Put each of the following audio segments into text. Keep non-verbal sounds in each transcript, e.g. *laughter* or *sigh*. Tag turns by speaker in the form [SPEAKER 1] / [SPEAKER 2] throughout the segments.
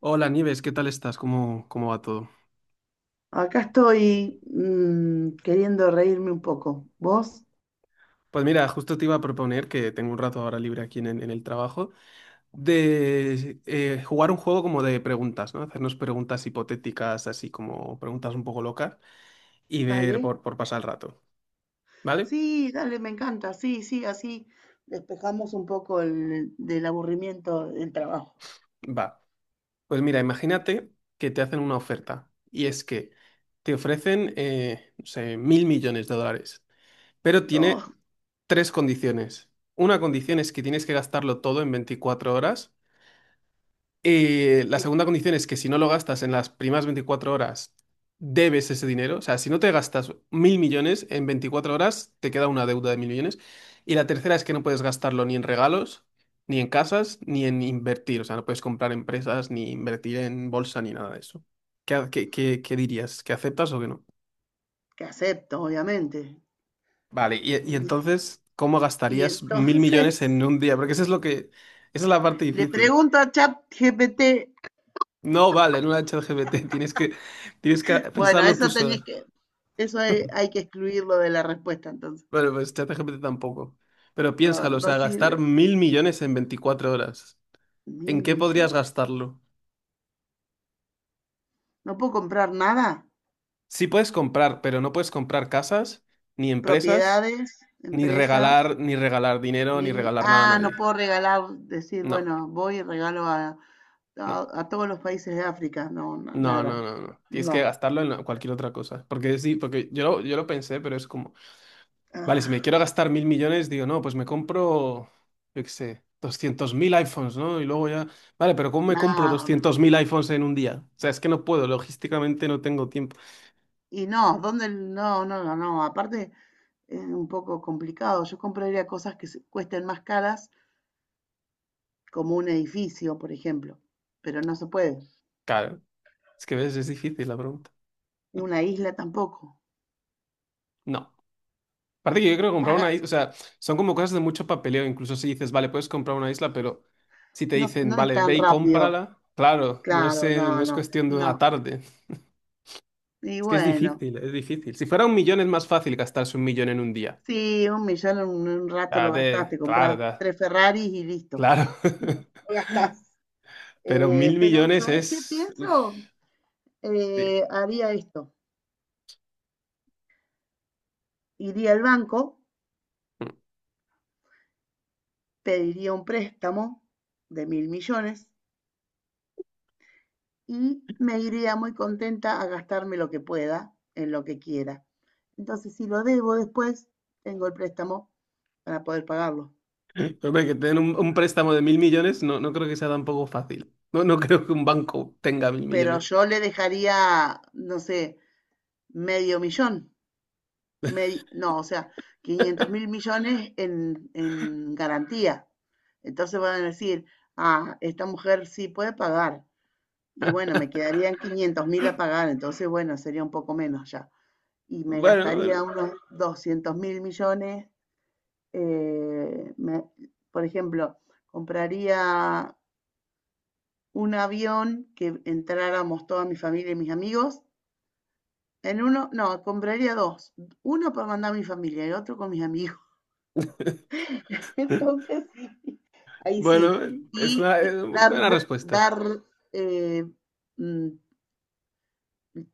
[SPEAKER 1] Hola Nieves, ¿qué tal estás? ¿Cómo va todo?
[SPEAKER 2] Acá estoy queriendo reírme un poco. ¿Vos?
[SPEAKER 1] Pues mira, justo te iba a proponer que tengo un rato ahora libre aquí en el trabajo, de jugar un juego como de preguntas, ¿no? Hacernos preguntas hipotéticas, así como preguntas un poco locas, y ver
[SPEAKER 2] Dale.
[SPEAKER 1] por pasar el rato, ¿vale?
[SPEAKER 2] Sí, dale, me encanta. Sí, sí, así despejamos un poco del aburrimiento del trabajo.
[SPEAKER 1] Va. Pues mira, imagínate que te hacen una oferta, y es que te ofrecen, no sé, mil millones de dólares, pero tiene
[SPEAKER 2] No,
[SPEAKER 1] tres condiciones. Una condición
[SPEAKER 2] sí,
[SPEAKER 1] es que tienes que gastarlo todo en 24 horas. La
[SPEAKER 2] sí,
[SPEAKER 1] segunda condición es que si no lo gastas en las primeras 24 horas, debes ese dinero. O sea, si no te gastas mil millones en 24 horas, te queda una deuda de mil millones. Y la tercera es que no puedes gastarlo ni en regalos, ni en casas, ni en invertir. O sea, no puedes comprar empresas, ni invertir en bolsa, ni nada de eso. ¿Qué, ha- qué- qué- qué dirías? ¿Que aceptas o que no?
[SPEAKER 2] que acepto, obviamente.
[SPEAKER 1] Vale, y
[SPEAKER 2] Y,
[SPEAKER 1] entonces, ¿cómo
[SPEAKER 2] y
[SPEAKER 1] gastarías mil
[SPEAKER 2] entonces
[SPEAKER 1] millones en un día? Porque eso es lo que, esa es la parte
[SPEAKER 2] *laughs* le
[SPEAKER 1] difícil.
[SPEAKER 2] pregunto a ChatGPT.
[SPEAKER 1] No vale, no la ChatGPT, *laughs* tienes que
[SPEAKER 2] Bueno,
[SPEAKER 1] pensarlo tú sola.
[SPEAKER 2] eso hay,
[SPEAKER 1] *laughs*
[SPEAKER 2] hay que excluirlo de la respuesta, entonces.
[SPEAKER 1] Bueno, pues ChatGPT tampoco. Pero
[SPEAKER 2] No,
[SPEAKER 1] piénsalo, o
[SPEAKER 2] no
[SPEAKER 1] sea,
[SPEAKER 2] sirve.
[SPEAKER 1] gastar mil millones en 24 horas.
[SPEAKER 2] Mil
[SPEAKER 1] ¿En qué podrías
[SPEAKER 2] millones.
[SPEAKER 1] gastarlo?
[SPEAKER 2] ¿No puedo comprar nada?
[SPEAKER 1] Sí puedes comprar, pero no puedes comprar casas, ni empresas,
[SPEAKER 2] Propiedades,
[SPEAKER 1] ni
[SPEAKER 2] empresas,
[SPEAKER 1] regalar, ni regalar dinero, ni
[SPEAKER 2] ni...
[SPEAKER 1] regalar nada a
[SPEAKER 2] Ah, no
[SPEAKER 1] nadie.
[SPEAKER 2] puedo regalar, decir,
[SPEAKER 1] No,
[SPEAKER 2] bueno, voy y regalo
[SPEAKER 1] no,
[SPEAKER 2] a todos los países de África. No, no,
[SPEAKER 1] no,
[SPEAKER 2] nada.
[SPEAKER 1] no, no, no. Tienes que
[SPEAKER 2] No.
[SPEAKER 1] gastarlo en cualquier otra cosa. Porque sí, porque yo lo pensé, pero es como. Vale, si me
[SPEAKER 2] Ah,
[SPEAKER 1] quiero gastar mil millones, digo, no, pues me compro, yo qué sé, 200.000 iPhones, ¿no? Y luego ya, vale, pero ¿cómo me compro
[SPEAKER 2] nada.
[SPEAKER 1] 200.000 iPhones en un día? O sea, es que no puedo, logísticamente no tengo tiempo.
[SPEAKER 2] Y no, ¿dónde? No, no, no, no. Aparte es un poco complicado. Yo compraría cosas que cuesten más caras, como un edificio, por ejemplo. Pero no se puede.
[SPEAKER 1] Claro, es que ves, es difícil la pregunta.
[SPEAKER 2] Una isla tampoco.
[SPEAKER 1] No. Aparte que yo creo que comprar
[SPEAKER 2] Paga-
[SPEAKER 1] una isla, o sea, son como cosas de mucho papeleo, incluso si dices, vale, puedes comprar una isla, pero si te
[SPEAKER 2] No,
[SPEAKER 1] dicen,
[SPEAKER 2] no es
[SPEAKER 1] vale,
[SPEAKER 2] tan
[SPEAKER 1] ve y
[SPEAKER 2] rápido.
[SPEAKER 1] cómprala, claro, no es,
[SPEAKER 2] Claro,
[SPEAKER 1] eh, no
[SPEAKER 2] no,
[SPEAKER 1] es
[SPEAKER 2] no,
[SPEAKER 1] cuestión de una
[SPEAKER 2] no.
[SPEAKER 1] tarde.
[SPEAKER 2] Y
[SPEAKER 1] Es que es
[SPEAKER 2] bueno.
[SPEAKER 1] difícil, es difícil. Si fuera un millón es más fácil gastarse un millón en un día.
[SPEAKER 2] Sí, un millón en un rato
[SPEAKER 1] Ah,
[SPEAKER 2] lo gastás,
[SPEAKER 1] de,
[SPEAKER 2] te
[SPEAKER 1] claro,
[SPEAKER 2] compras tres Ferraris y listo,
[SPEAKER 1] Claro, *laughs*
[SPEAKER 2] lo gastás.
[SPEAKER 1] pero mil
[SPEAKER 2] Pero,
[SPEAKER 1] millones
[SPEAKER 2] ¿sabes qué
[SPEAKER 1] es. Uy,
[SPEAKER 2] pienso?
[SPEAKER 1] bien.
[SPEAKER 2] Haría esto. Iría al banco, pediría un préstamo de mil millones y me iría muy contenta a gastarme lo que pueda, en lo que quiera. Entonces, si lo debo después, tengo el préstamo para poder pagarlo.
[SPEAKER 1] *laughs* Hombre, que te den un préstamo de mil millones no, no creo que sea tampoco fácil. No, no *laughs* creo que un banco tenga mil
[SPEAKER 2] Pero
[SPEAKER 1] millones.
[SPEAKER 2] yo le dejaría, no sé, medio millón. No, o sea,
[SPEAKER 1] *laughs*
[SPEAKER 2] 500 mil millones en garantía. Entonces van a decir, ah, esta mujer sí puede pagar. Y bueno, me quedarían 500 mil a pagar, entonces bueno, sería un poco menos ya. Y me
[SPEAKER 1] Bueno, bueno,
[SPEAKER 2] gastaría unos 200 mil millones. eh, me- por ejemplo, compraría un avión que entráramos toda mi familia y mis amigos. En uno, no, compraría dos. Uno para mandar a mi familia y otro con mis amigos. *laughs* Entonces, sí, ahí sí.
[SPEAKER 1] Bueno, es
[SPEAKER 2] Y,
[SPEAKER 1] una, es
[SPEAKER 2] y
[SPEAKER 1] una
[SPEAKER 2] dar,
[SPEAKER 1] buena respuesta.
[SPEAKER 2] dar eh, mm,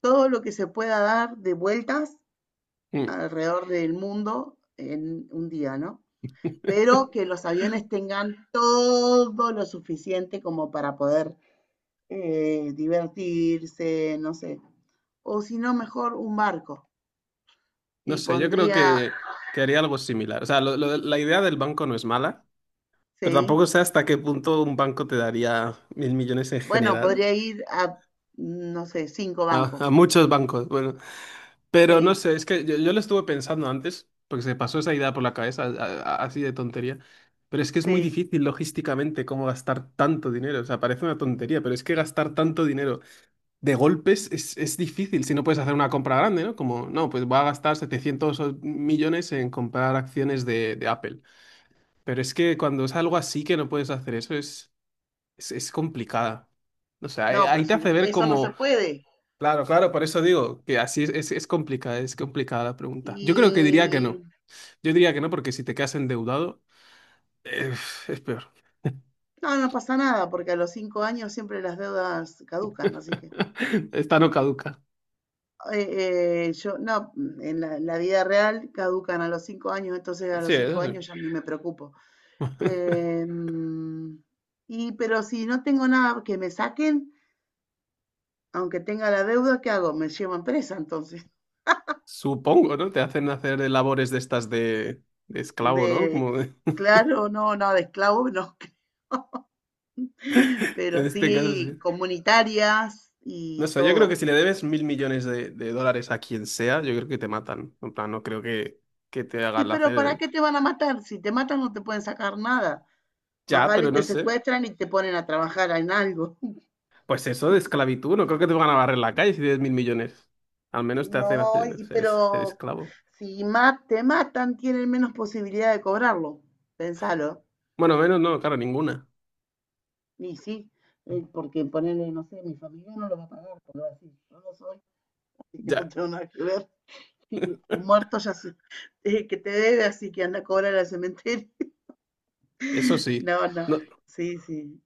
[SPEAKER 2] todo lo que se pueda dar de vueltas
[SPEAKER 1] Mm.
[SPEAKER 2] alrededor del mundo en un día, ¿no? Pero que los aviones tengan todo lo suficiente como para poder divertirse, no sé. O si no, mejor un barco.
[SPEAKER 1] No
[SPEAKER 2] Y
[SPEAKER 1] sé, yo creo
[SPEAKER 2] pondría,
[SPEAKER 1] que haría algo similar. O sea, lo la idea del banco no es mala, pero
[SPEAKER 2] sí,
[SPEAKER 1] tampoco sé hasta qué punto un banco te daría mil millones en
[SPEAKER 2] bueno,
[SPEAKER 1] general.
[SPEAKER 2] podría ir a, no sé, cinco
[SPEAKER 1] A
[SPEAKER 2] bancos.
[SPEAKER 1] muchos bancos. Bueno. Pero no
[SPEAKER 2] Sí,
[SPEAKER 1] sé, es que yo lo estuve pensando antes, porque se pasó esa idea por la cabeza, así de tontería. Pero es que es muy
[SPEAKER 2] sí.
[SPEAKER 1] difícil logísticamente cómo gastar tanto dinero. O sea, parece una tontería, pero es que gastar tanto dinero de golpes es difícil si no puedes hacer una compra grande, ¿no? Como, no, pues voy a gastar 700 millones en comprar acciones de Apple. Pero es que cuando es algo así que no puedes hacer eso, es complicada. O sea, ahí
[SPEAKER 2] No, pero
[SPEAKER 1] ahí te
[SPEAKER 2] si no,
[SPEAKER 1] hace ver
[SPEAKER 2] eso no se
[SPEAKER 1] como.
[SPEAKER 2] puede.
[SPEAKER 1] Claro, claro, por eso digo que así es complicada, es complicada la pregunta. Yo creo que diría que
[SPEAKER 2] Y
[SPEAKER 1] no. Yo diría que no porque si te quedas endeudado, eh, es peor.
[SPEAKER 2] no, no pasa nada, porque a los 5 años siempre las deudas caducan, así que
[SPEAKER 1] *laughs* Esta no caduca.
[SPEAKER 2] yo, no, en la vida real caducan a los 5 años, entonces a
[SPEAKER 1] Sí,
[SPEAKER 2] los
[SPEAKER 1] eso
[SPEAKER 2] cinco
[SPEAKER 1] sí.
[SPEAKER 2] años ya ni me preocupo. Em, y pero si no tengo nada que me saquen, aunque tenga la deuda, ¿qué hago? Me llevan presa entonces.
[SPEAKER 1] Supongo, ¿no? Te hacen hacer labores de estas de esclavo, ¿no?
[SPEAKER 2] De,
[SPEAKER 1] Como de.
[SPEAKER 2] claro, no, no, de esclavo, no, *laughs*
[SPEAKER 1] *laughs* En
[SPEAKER 2] pero
[SPEAKER 1] este caso,
[SPEAKER 2] sí
[SPEAKER 1] sí.
[SPEAKER 2] comunitarias
[SPEAKER 1] No
[SPEAKER 2] y
[SPEAKER 1] sé, yo creo que
[SPEAKER 2] todo.
[SPEAKER 1] si le debes mil millones de dólares a quien sea, yo creo que te matan. En plan, no creo que te
[SPEAKER 2] Sí,
[SPEAKER 1] hagan
[SPEAKER 2] pero ¿para
[SPEAKER 1] hacer
[SPEAKER 2] qué te van a matar? Si te matan no te pueden sacar nada. Más
[SPEAKER 1] ya,
[SPEAKER 2] vale
[SPEAKER 1] pero no
[SPEAKER 2] te
[SPEAKER 1] sé.
[SPEAKER 2] secuestran y te ponen a trabajar en algo. *laughs*
[SPEAKER 1] Pues eso de esclavitud, no creo que te van a barrer la calle si tienes mil millones. Al menos te hacen
[SPEAKER 2] No,
[SPEAKER 1] hacer,
[SPEAKER 2] y
[SPEAKER 1] ser, ser
[SPEAKER 2] pero
[SPEAKER 1] esclavo.
[SPEAKER 2] si te matan tienen menos posibilidad de cobrarlo. Pensalo.
[SPEAKER 1] Bueno, menos no, claro, ninguna.
[SPEAKER 2] Y sí, porque ponerle, no sé, mi familia no lo va a pagar, porque va a decir, yo no soy, así que no
[SPEAKER 1] Ya,
[SPEAKER 2] tengo nada que ver. *laughs* Y el muerto ya se, que te debe, así que anda a cobrar al cementerio.
[SPEAKER 1] eso
[SPEAKER 2] *laughs*
[SPEAKER 1] sí.
[SPEAKER 2] No, no.
[SPEAKER 1] No,
[SPEAKER 2] Sí, sí.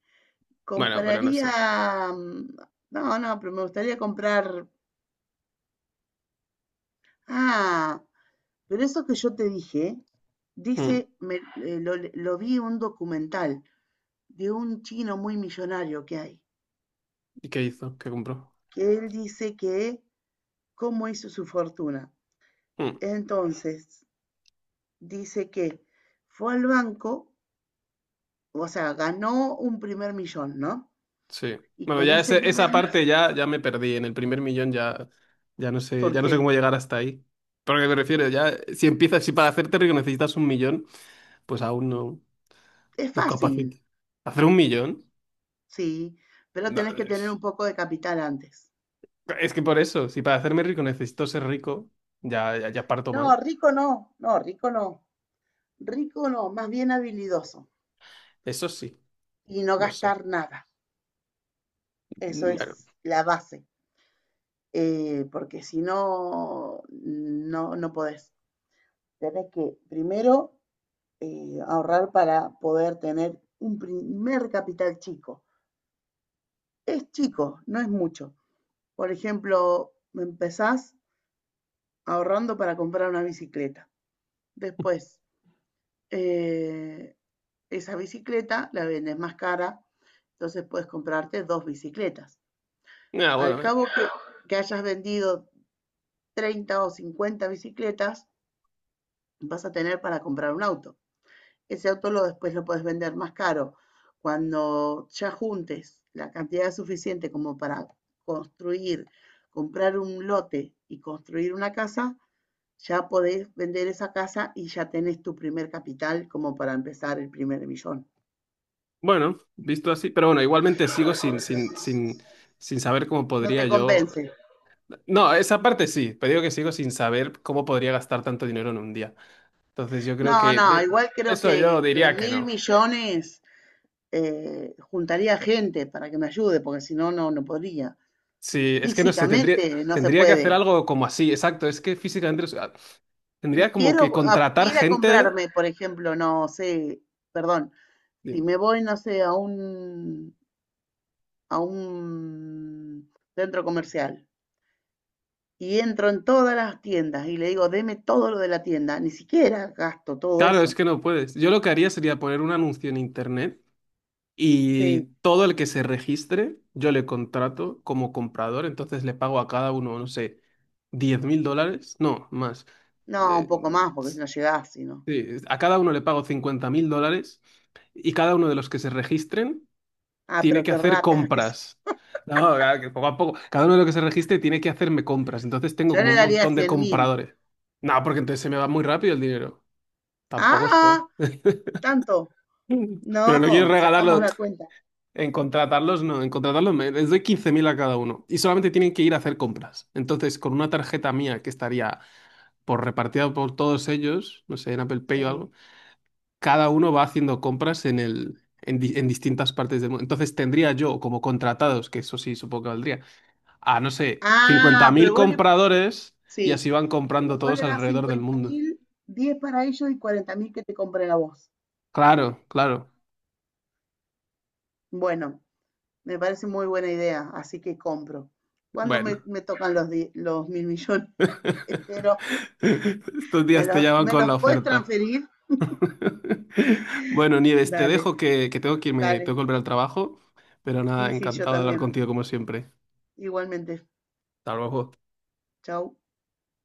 [SPEAKER 1] bueno, pero no sé.
[SPEAKER 2] Compraría, no, no, pero me gustaría comprar, ah, pero eso que yo te dije,
[SPEAKER 1] Mm.
[SPEAKER 2] dice, lo vi en un documental de un chino muy millonario que hay,
[SPEAKER 1] ¿Y qué hizo? ¿Qué compró?
[SPEAKER 2] que él dice que cómo hizo su fortuna.
[SPEAKER 1] Mm.
[SPEAKER 2] Entonces, dice que fue al banco, o sea, ganó un primer millón, ¿no?
[SPEAKER 1] Sí.
[SPEAKER 2] Y
[SPEAKER 1] Bueno,
[SPEAKER 2] con
[SPEAKER 1] ya
[SPEAKER 2] ese
[SPEAKER 1] ese-
[SPEAKER 2] primer,
[SPEAKER 1] esa parte ya, ya me perdí. En el primer millón ya, ya no sé,
[SPEAKER 2] ¿por
[SPEAKER 1] ya no sé cómo
[SPEAKER 2] qué?
[SPEAKER 1] llegar hasta ahí. Pero ¿a qué me refiero? Ya, si para hacerte rico necesitas un millón, pues aún no,
[SPEAKER 2] Es
[SPEAKER 1] no capacito.
[SPEAKER 2] fácil,
[SPEAKER 1] ¿Hacer un millón?
[SPEAKER 2] sí, pero
[SPEAKER 1] No.
[SPEAKER 2] tenés que tener un poco de capital antes.
[SPEAKER 1] Es que por eso, si para hacerme rico necesito ser rico, ya, ya, ya parto
[SPEAKER 2] No,
[SPEAKER 1] mal.
[SPEAKER 2] rico no, no, rico no, rico no, más bien habilidoso
[SPEAKER 1] Eso sí,
[SPEAKER 2] y no
[SPEAKER 1] no sé.
[SPEAKER 2] gastar nada. Eso
[SPEAKER 1] Bueno,
[SPEAKER 2] es la base, porque si no, no podés. Tenés que primero ahorrar para poder tener un primer capital chico. Es chico, no es mucho. Por ejemplo, empezás ahorrando para comprar una bicicleta. Después, eh, esa bicicleta la vendes más cara, entonces puedes comprarte dos bicicletas.
[SPEAKER 1] ah,
[SPEAKER 2] Al
[SPEAKER 1] bueno.
[SPEAKER 2] cabo que hayas vendido 30 o 50 bicicletas, vas a tener para comprar un auto. Ese auto después lo puedes vender más caro. Cuando ya juntes la cantidad suficiente como para construir, comprar un lote y construir una casa, ya podés vender esa casa y ya tenés tu primer capital como para empezar el primer millón.
[SPEAKER 1] Bueno, visto así, pero bueno, igualmente sigo sin saber cómo
[SPEAKER 2] No
[SPEAKER 1] podría
[SPEAKER 2] te
[SPEAKER 1] yo.
[SPEAKER 2] convence.
[SPEAKER 1] No, esa parte sí, pero digo que sigo sin saber cómo podría gastar tanto dinero en un día. Entonces yo creo
[SPEAKER 2] No,
[SPEAKER 1] que
[SPEAKER 2] no, igual creo
[SPEAKER 1] eso yo
[SPEAKER 2] que,
[SPEAKER 1] diría que
[SPEAKER 2] mil
[SPEAKER 1] no.
[SPEAKER 2] millones juntaría gente para que me ayude, porque si no, no podría.
[SPEAKER 1] Sí, es que no sé, tendría,
[SPEAKER 2] Físicamente no se
[SPEAKER 1] tendría que hacer
[SPEAKER 2] puede.
[SPEAKER 1] algo como así, exacto. Es que físicamente, o sea,
[SPEAKER 2] Si
[SPEAKER 1] tendría como
[SPEAKER 2] quiero
[SPEAKER 1] que contratar
[SPEAKER 2] ir a
[SPEAKER 1] gente.
[SPEAKER 2] comprarme, por ejemplo, no sé, perdón, si me voy, no sé, a un, centro comercial y entro en todas las tiendas y le digo, deme todo lo de la tienda, ni siquiera gasto todo
[SPEAKER 1] Claro, es
[SPEAKER 2] eso.
[SPEAKER 1] que no puedes. Yo lo que haría sería poner un anuncio en internet y
[SPEAKER 2] Sí,
[SPEAKER 1] todo el que se registre, yo le contrato como comprador, entonces le pago a cada uno, no sé, 10.000 dólares, no, más.
[SPEAKER 2] no, un
[SPEAKER 1] Eh,
[SPEAKER 2] poco más, porque si no llegás, si no.
[SPEAKER 1] sí, a cada uno le pago 50.000 dólares y cada uno de los que se registren
[SPEAKER 2] Ah,
[SPEAKER 1] tiene
[SPEAKER 2] pero
[SPEAKER 1] que
[SPEAKER 2] qué
[SPEAKER 1] hacer
[SPEAKER 2] ratas que.
[SPEAKER 1] compras. No, claro, que poco a poco, cada uno de los que se registre tiene que hacerme compras, entonces tengo
[SPEAKER 2] Yo
[SPEAKER 1] como
[SPEAKER 2] le
[SPEAKER 1] un
[SPEAKER 2] daría
[SPEAKER 1] montón de
[SPEAKER 2] 100.000.
[SPEAKER 1] compradores. No, porque entonces se me va muy rápido el dinero. Tampoco es plan.
[SPEAKER 2] Ah, tanto.
[SPEAKER 1] Pero no quiero
[SPEAKER 2] No, sacamos
[SPEAKER 1] regalarlo.
[SPEAKER 2] la cuenta.
[SPEAKER 1] En contratarlos, no. En contratarlos les doy 15.000 a cada uno. Y solamente tienen que ir a hacer compras. Entonces, con una tarjeta mía que estaría por repartida por todos ellos, no sé, en Apple Pay o
[SPEAKER 2] Sí.
[SPEAKER 1] algo, cada uno va haciendo compras en el, en, di- en distintas partes del mundo. Entonces, tendría yo como contratados, que eso sí supongo que valdría, a, no sé, cincuenta
[SPEAKER 2] Ah,
[SPEAKER 1] mil
[SPEAKER 2] pero vos le,
[SPEAKER 1] compradores y
[SPEAKER 2] sí,
[SPEAKER 1] así van
[SPEAKER 2] pero
[SPEAKER 1] comprando
[SPEAKER 2] vos
[SPEAKER 1] todos
[SPEAKER 2] le das
[SPEAKER 1] alrededor del
[SPEAKER 2] cincuenta
[SPEAKER 1] mundo.
[SPEAKER 2] mil, 10 para ellos y 40.000 que te compre la voz.
[SPEAKER 1] Claro, claro.
[SPEAKER 2] Bueno, me parece muy buena idea, así que compro. ¿Cuándo me,
[SPEAKER 1] Bueno.
[SPEAKER 2] me tocan los mil millones? *laughs*
[SPEAKER 1] *laughs*
[SPEAKER 2] Espero,
[SPEAKER 1] Estos
[SPEAKER 2] ¿me
[SPEAKER 1] días te
[SPEAKER 2] los,
[SPEAKER 1] llaman
[SPEAKER 2] me
[SPEAKER 1] con
[SPEAKER 2] los
[SPEAKER 1] la
[SPEAKER 2] puedes
[SPEAKER 1] oferta.
[SPEAKER 2] transferir?
[SPEAKER 1] *laughs* Bueno, Nieves, te
[SPEAKER 2] Dale,
[SPEAKER 1] dejo que tengo que irme,
[SPEAKER 2] dale.
[SPEAKER 1] tengo que volver al trabajo, pero nada,
[SPEAKER 2] Sí, sí, yo
[SPEAKER 1] encantado de hablar
[SPEAKER 2] también.
[SPEAKER 1] contigo como siempre.
[SPEAKER 2] Igualmente.
[SPEAKER 1] Hasta luego.
[SPEAKER 2] Chau.